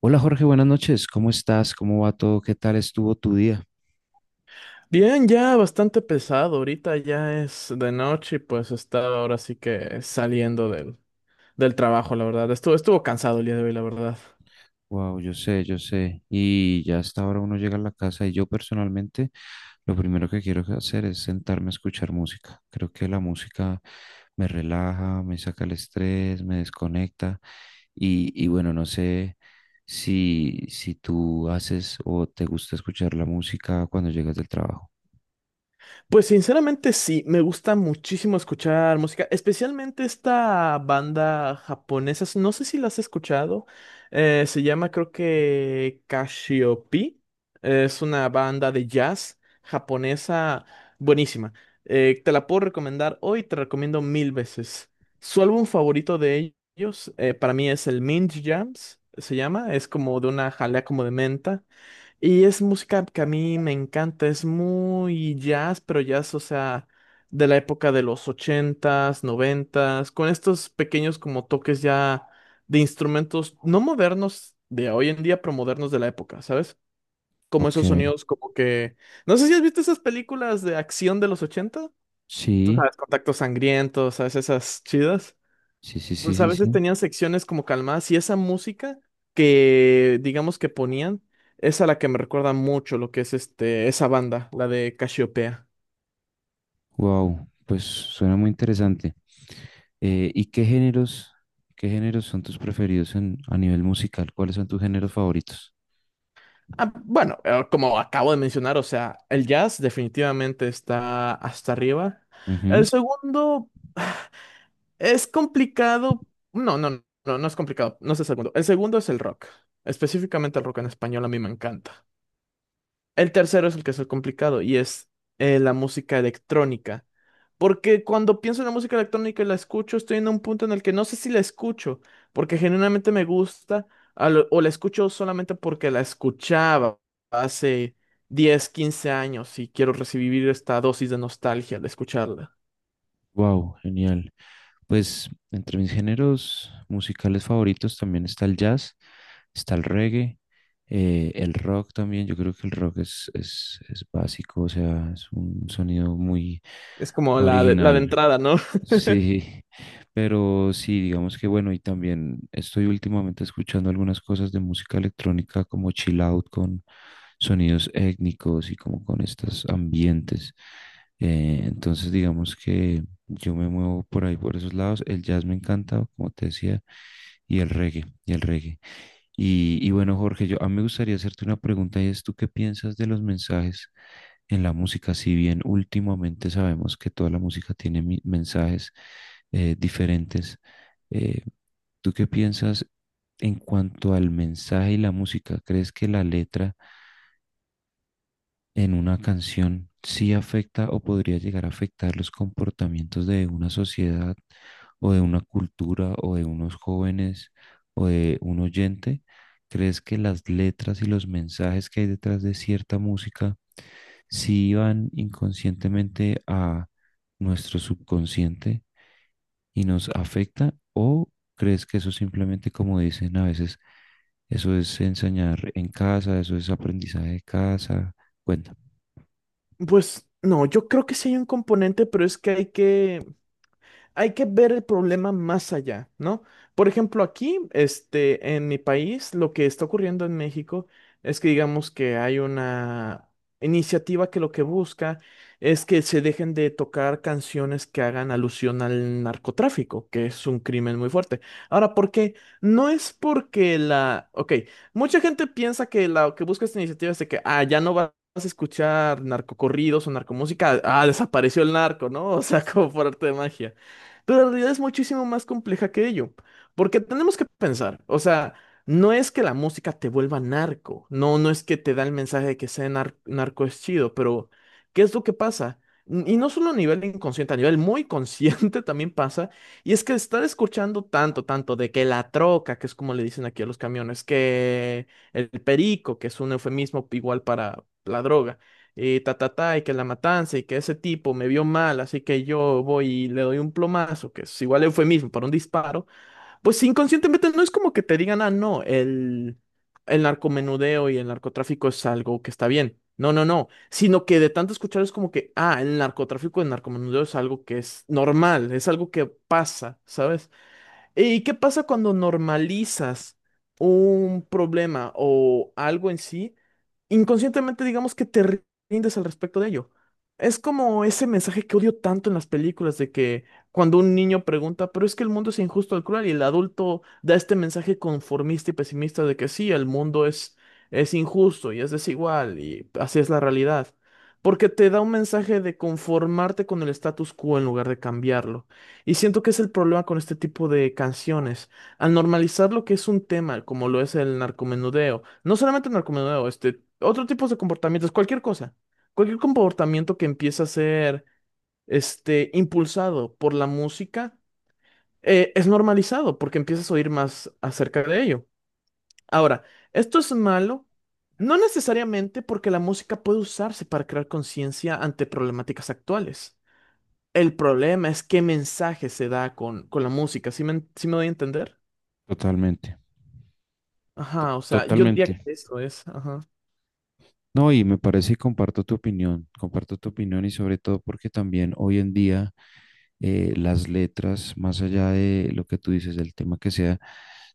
Hola Jorge, buenas noches. ¿Cómo estás? ¿Cómo va todo? ¿Qué tal estuvo tu día? Bien, ya bastante pesado. Ahorita ya es de noche y pues estaba ahora sí que saliendo del trabajo, la verdad. Estuvo cansado el día de hoy, la verdad. Wow, yo sé, yo sé. Y ya hasta ahora uno llega a la casa y yo personalmente lo primero que quiero hacer es sentarme a escuchar música. Creo que la música me relaja, me saca el estrés, me desconecta. Y, bueno, no sé si tú haces o te gusta escuchar la música cuando llegas del trabajo. Pues sinceramente sí, me gusta muchísimo escuchar música, especialmente esta banda japonesa, no sé si la has escuchado, se llama creo que Cassiope, es una banda de jazz japonesa buenísima, te la puedo recomendar hoy, te recomiendo mil veces. Su álbum favorito de ellos para mí es el Mint Jams, se llama, es como de una jalea como de menta. Y es música que a mí me encanta, es muy jazz, pero jazz, o sea, de la época de los ochentas, noventas, con estos pequeños como toques ya de instrumentos no modernos de hoy en día, pero modernos de la época, ¿sabes? Como Ok, esos sonidos como que... No sé si has visto esas películas de acción de los ochenta, tú sí, sabes, Contacto Sangriento, ¿sabes? Esas chidas. sí, sí, sí, Pues a sí, veces sí. tenían secciones como calmadas y esa música que digamos que ponían es a la que me recuerda mucho lo que es este esa banda, la de Casiopea. Wow, pues suena muy interesante. ¿Y qué géneros son tus preferidos a nivel musical? ¿Cuáles son tus géneros favoritos? Ah, bueno, como acabo de mencionar, o sea, el jazz definitivamente está hasta arriba. El segundo es complicado. No, no, no es complicado. No es el segundo. El segundo es el rock. Específicamente el rock en español a mí me encanta. El tercero es el que es el complicado y es la música electrónica. Porque cuando pienso en la música electrónica y la escucho, estoy en un punto en el que no sé si la escucho, porque genuinamente me gusta, o la escucho solamente porque la escuchaba hace 10 15 años y quiero recibir esta dosis de nostalgia al escucharla. Wow, genial. Pues entre mis géneros musicales favoritos también está el jazz, está el reggae, el rock también. Yo creo que el rock es básico, o sea, es un sonido muy Es como la de original. entrada, ¿no? Sí, pero sí, digamos que bueno, y también estoy últimamente escuchando algunas cosas de música electrónica como chill out con sonidos étnicos y como con estos ambientes. Entonces, digamos que yo me muevo por ahí, por esos lados. El jazz me encanta, como te decía, y el reggae, y el reggae. Y bueno, Jorge, yo a mí me gustaría hacerte una pregunta y es, ¿tú qué piensas de los mensajes en la música? Si bien últimamente sabemos que toda la música tiene mensajes diferentes, eh, ¿tú qué piensas en cuanto al mensaje y la música? ¿Crees que la letra en una canción sí afecta o podría llegar a afectar los comportamientos de una sociedad o de una cultura o de unos jóvenes o de un oyente? ¿Crees que las letras y los mensajes que hay detrás de cierta música si van inconscientemente a nuestro subconsciente y nos afecta, o crees que eso simplemente, como dicen a veces, eso es enseñar en casa, eso es aprendizaje de casa? Cuéntame. Pues no, yo creo que sí hay un componente, pero es que hay que ver el problema más allá, ¿no? Por ejemplo, aquí, este, en mi país, lo que está ocurriendo en México es que digamos que hay una iniciativa que lo que busca es que se dejen de tocar canciones que hagan alusión al narcotráfico, que es un crimen muy fuerte. Ahora, ¿por qué? No es porque la... Ok, mucha gente piensa que la que busca esta iniciativa es de que, ah, ya no va vas a escuchar narcocorridos o narcomúsica, ah, desapareció el narco, ¿no? O sea, como por arte de magia. Pero la realidad es muchísimo más compleja que ello, porque tenemos que pensar, o sea, no es que la música te vuelva narco, no, no es que te da el mensaje de que ser narco es chido, pero ¿qué es lo que pasa? Y no solo a nivel inconsciente, a nivel muy consciente también pasa, y es que estar escuchando tanto, tanto de que la troca, que es como le dicen aquí a los camiones, que el perico, que es un eufemismo igual para la droga y ta, ta, ta, y que la matanza, y que ese tipo me vio mal, así que yo voy y le doy un plomazo, que es igual eufemismo para un disparo, pues inconscientemente no es como que te digan, ah, no, el narcomenudeo y el narcotráfico es algo que está bien. No, no, no, sino que de tanto escuchar es como que, ah, el narcotráfico, el narcomenudeo es algo que es normal, es algo que pasa, ¿sabes? ¿Y qué pasa cuando normalizas un problema o algo en sí? Inconscientemente digamos que te rindes al respecto de ello. Es como ese mensaje que odio tanto en las películas de que cuando un niño pregunta, pero es que el mundo es injusto y cruel, y el adulto da este mensaje conformista y pesimista de que sí, es injusto y es desigual y así es la realidad. Porque te da un mensaje de conformarte con el status quo en lugar de cambiarlo. Y siento que es el problema con este tipo de canciones. Al normalizar lo que es un tema, como lo es el narcomenudeo, no solamente el narcomenudeo, este, otro tipo de comportamientos, cualquier cosa, cualquier comportamiento que empieza a ser, este, impulsado por la música, es normalizado porque empiezas a oír más acerca de ello. Ahora, esto es malo, no necesariamente porque la música puede usarse para crear conciencia ante problemáticas actuales. El problema es qué mensaje se da con la música. ¿Sí me doy a entender? Totalmente, Ajá, o sea, yo diría totalmente. que eso es. Ajá. No, y me parece y comparto tu opinión, comparto tu opinión, y sobre todo porque también hoy en día las letras, más allá de lo que tú dices, del tema que sea,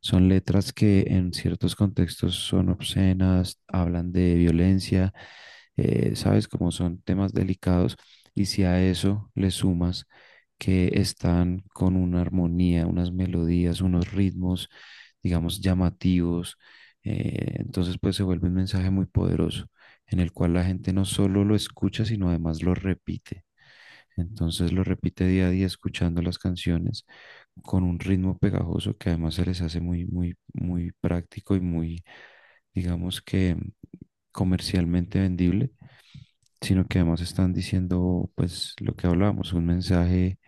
son letras que en ciertos contextos son obscenas, hablan de violencia, sabes, como son temas delicados, y si a eso le sumas que están con una armonía, unas melodías, unos ritmos, digamos, llamativos, entonces pues se vuelve un mensaje muy poderoso en el cual la gente no solo lo escucha, sino además lo repite. Entonces lo repite día a día escuchando las canciones con un ritmo pegajoso que además se les hace muy, muy, muy práctico y muy, digamos que comercialmente vendible, sino que además están diciendo pues lo que hablábamos, un mensaje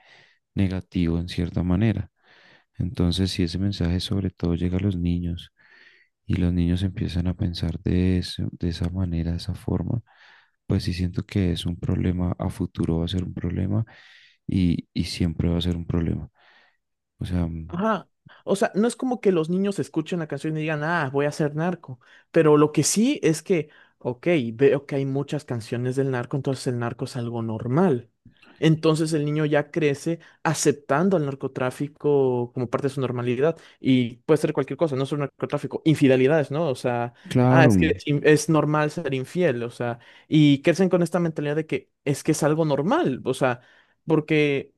negativo en cierta manera. Entonces, si ese mensaje sobre todo llega a los niños y los niños empiezan a pensar de, eso, de esa manera, de esa forma, pues sí siento que es un problema, a futuro va a ser un problema y siempre va a ser un problema. O sea, Ajá. O sea, no es como que los niños escuchen la canción y digan, ah, voy a ser narco. Pero lo que sí es que, ok, veo que hay muchas canciones del narco, entonces el narco es algo normal. Entonces el niño ya crece aceptando al narcotráfico como parte de su normalidad. Y puede ser cualquier cosa, no solo narcotráfico, infidelidades, ¿no? O sea, ah, claro, es que es normal ser infiel, o sea, y crecen con esta mentalidad de que es algo normal, o sea, porque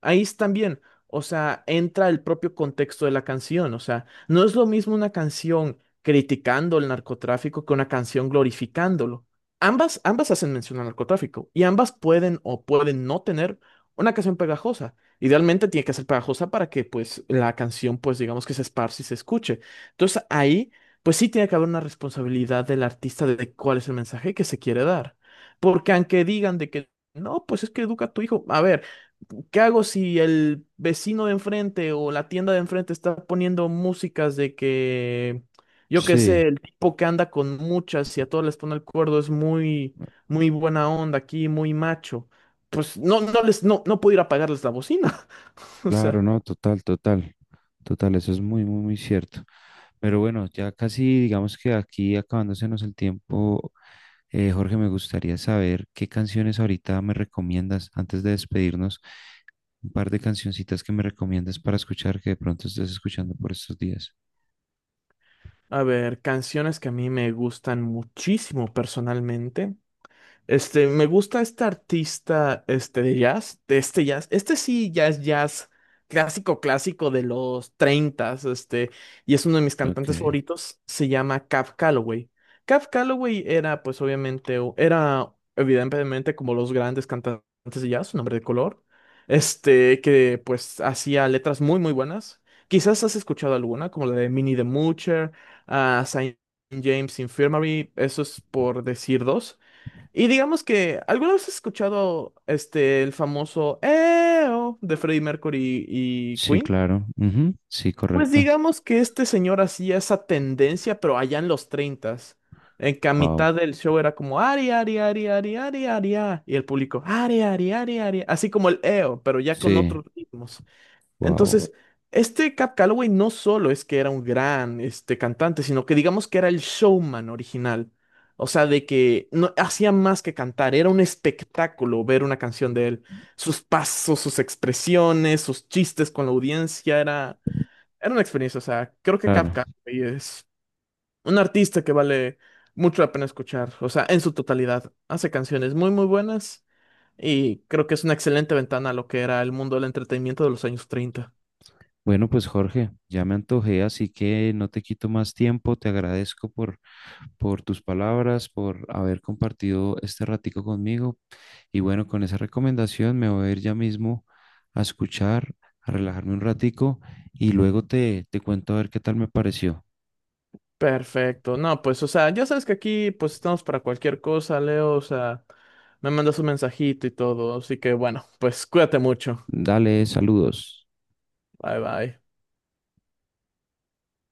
ahí es también o sea, entra el propio contexto de la canción. O sea, no es lo mismo una canción criticando el narcotráfico que una canción glorificándolo. Ambas hacen mención al narcotráfico y ambas pueden o pueden no tener una canción pegajosa. Idealmente tiene que ser pegajosa para que pues la canción pues digamos que se esparce y se escuche. Entonces ahí pues sí tiene que haber una responsabilidad del artista de cuál es el mensaje que se quiere dar. Porque aunque digan de que no, pues es que educa a tu hijo. A ver. ¿Qué hago si el vecino de enfrente o la tienda de enfrente está poniendo músicas de que, yo qué sí, sé, el tipo que anda con muchas y a todos les pone el cuerdo es muy, muy buena onda aquí, muy macho? Pues no, no les, no, no puedo ir a apagarles la bocina. O sea, claro, no, total, total, total, eso es muy, muy, muy cierto. Pero bueno, ya casi digamos que aquí acabándosenos el tiempo, Jorge, me gustaría saber qué canciones ahorita me recomiendas antes de despedirnos, un par de cancioncitas que me recomiendas para escuchar que de pronto estés escuchando por estos días. a ver, canciones que a mí me gustan muchísimo personalmente. Este, me gusta este artista, este, de jazz, de este jazz, este sí ya es jazz clásico, clásico de los treintas este, y es uno de mis cantantes Ok. favoritos, se llama Cab Calloway. Cab Calloway era, pues, obviamente, era, evidentemente, como los grandes cantantes de jazz, un hombre de color, este, que, pues, hacía letras muy, muy buenas. Quizás has escuchado alguna, como la de Minnie the Moocher, a Saint James Infirmary, eso es por decir dos. Y digamos que, ¿alguna vez has escuchado este el famoso EO de Freddie Mercury y Sí, Queen? claro. Ujú. Sí, Pues correcto. digamos que este señor hacía esa tendencia, pero allá en los 30. En que a Wow. mitad del show era como Ari, Ari, Ari, Ari, Ari, Ari, ah", y el público Ari, Ari, Ari, Ari, así como el EO, pero ya con Sí, otros ritmos. wow. Entonces, este Cap Calloway no solo es que era un gran este, cantante, sino que digamos que era el showman original. O sea, de que no hacía más que cantar, era un espectáculo ver una canción de él. Sus pasos, sus expresiones, sus chistes con la audiencia, era una experiencia. O sea, creo que Cap Claro. Calloway es un artista que vale mucho la pena escuchar. O sea, en su totalidad, hace canciones muy, muy buenas y creo que es una excelente ventana a lo que era el mundo del entretenimiento de los años 30. Bueno, pues Jorge, ya me antojé, así que no te quito más tiempo. Te agradezco por tus palabras, por haber compartido este ratico conmigo. Y bueno, con esa recomendación me voy a ir ya mismo a escuchar, a relajarme un ratico y luego te, te cuento a ver qué tal me pareció. Perfecto. No, pues, o sea, ya sabes que aquí, pues, estamos para cualquier cosa, Leo. O sea, me mandas un mensajito y todo. Así que, bueno, pues, cuídate mucho. Dale, saludos. Bye, bye.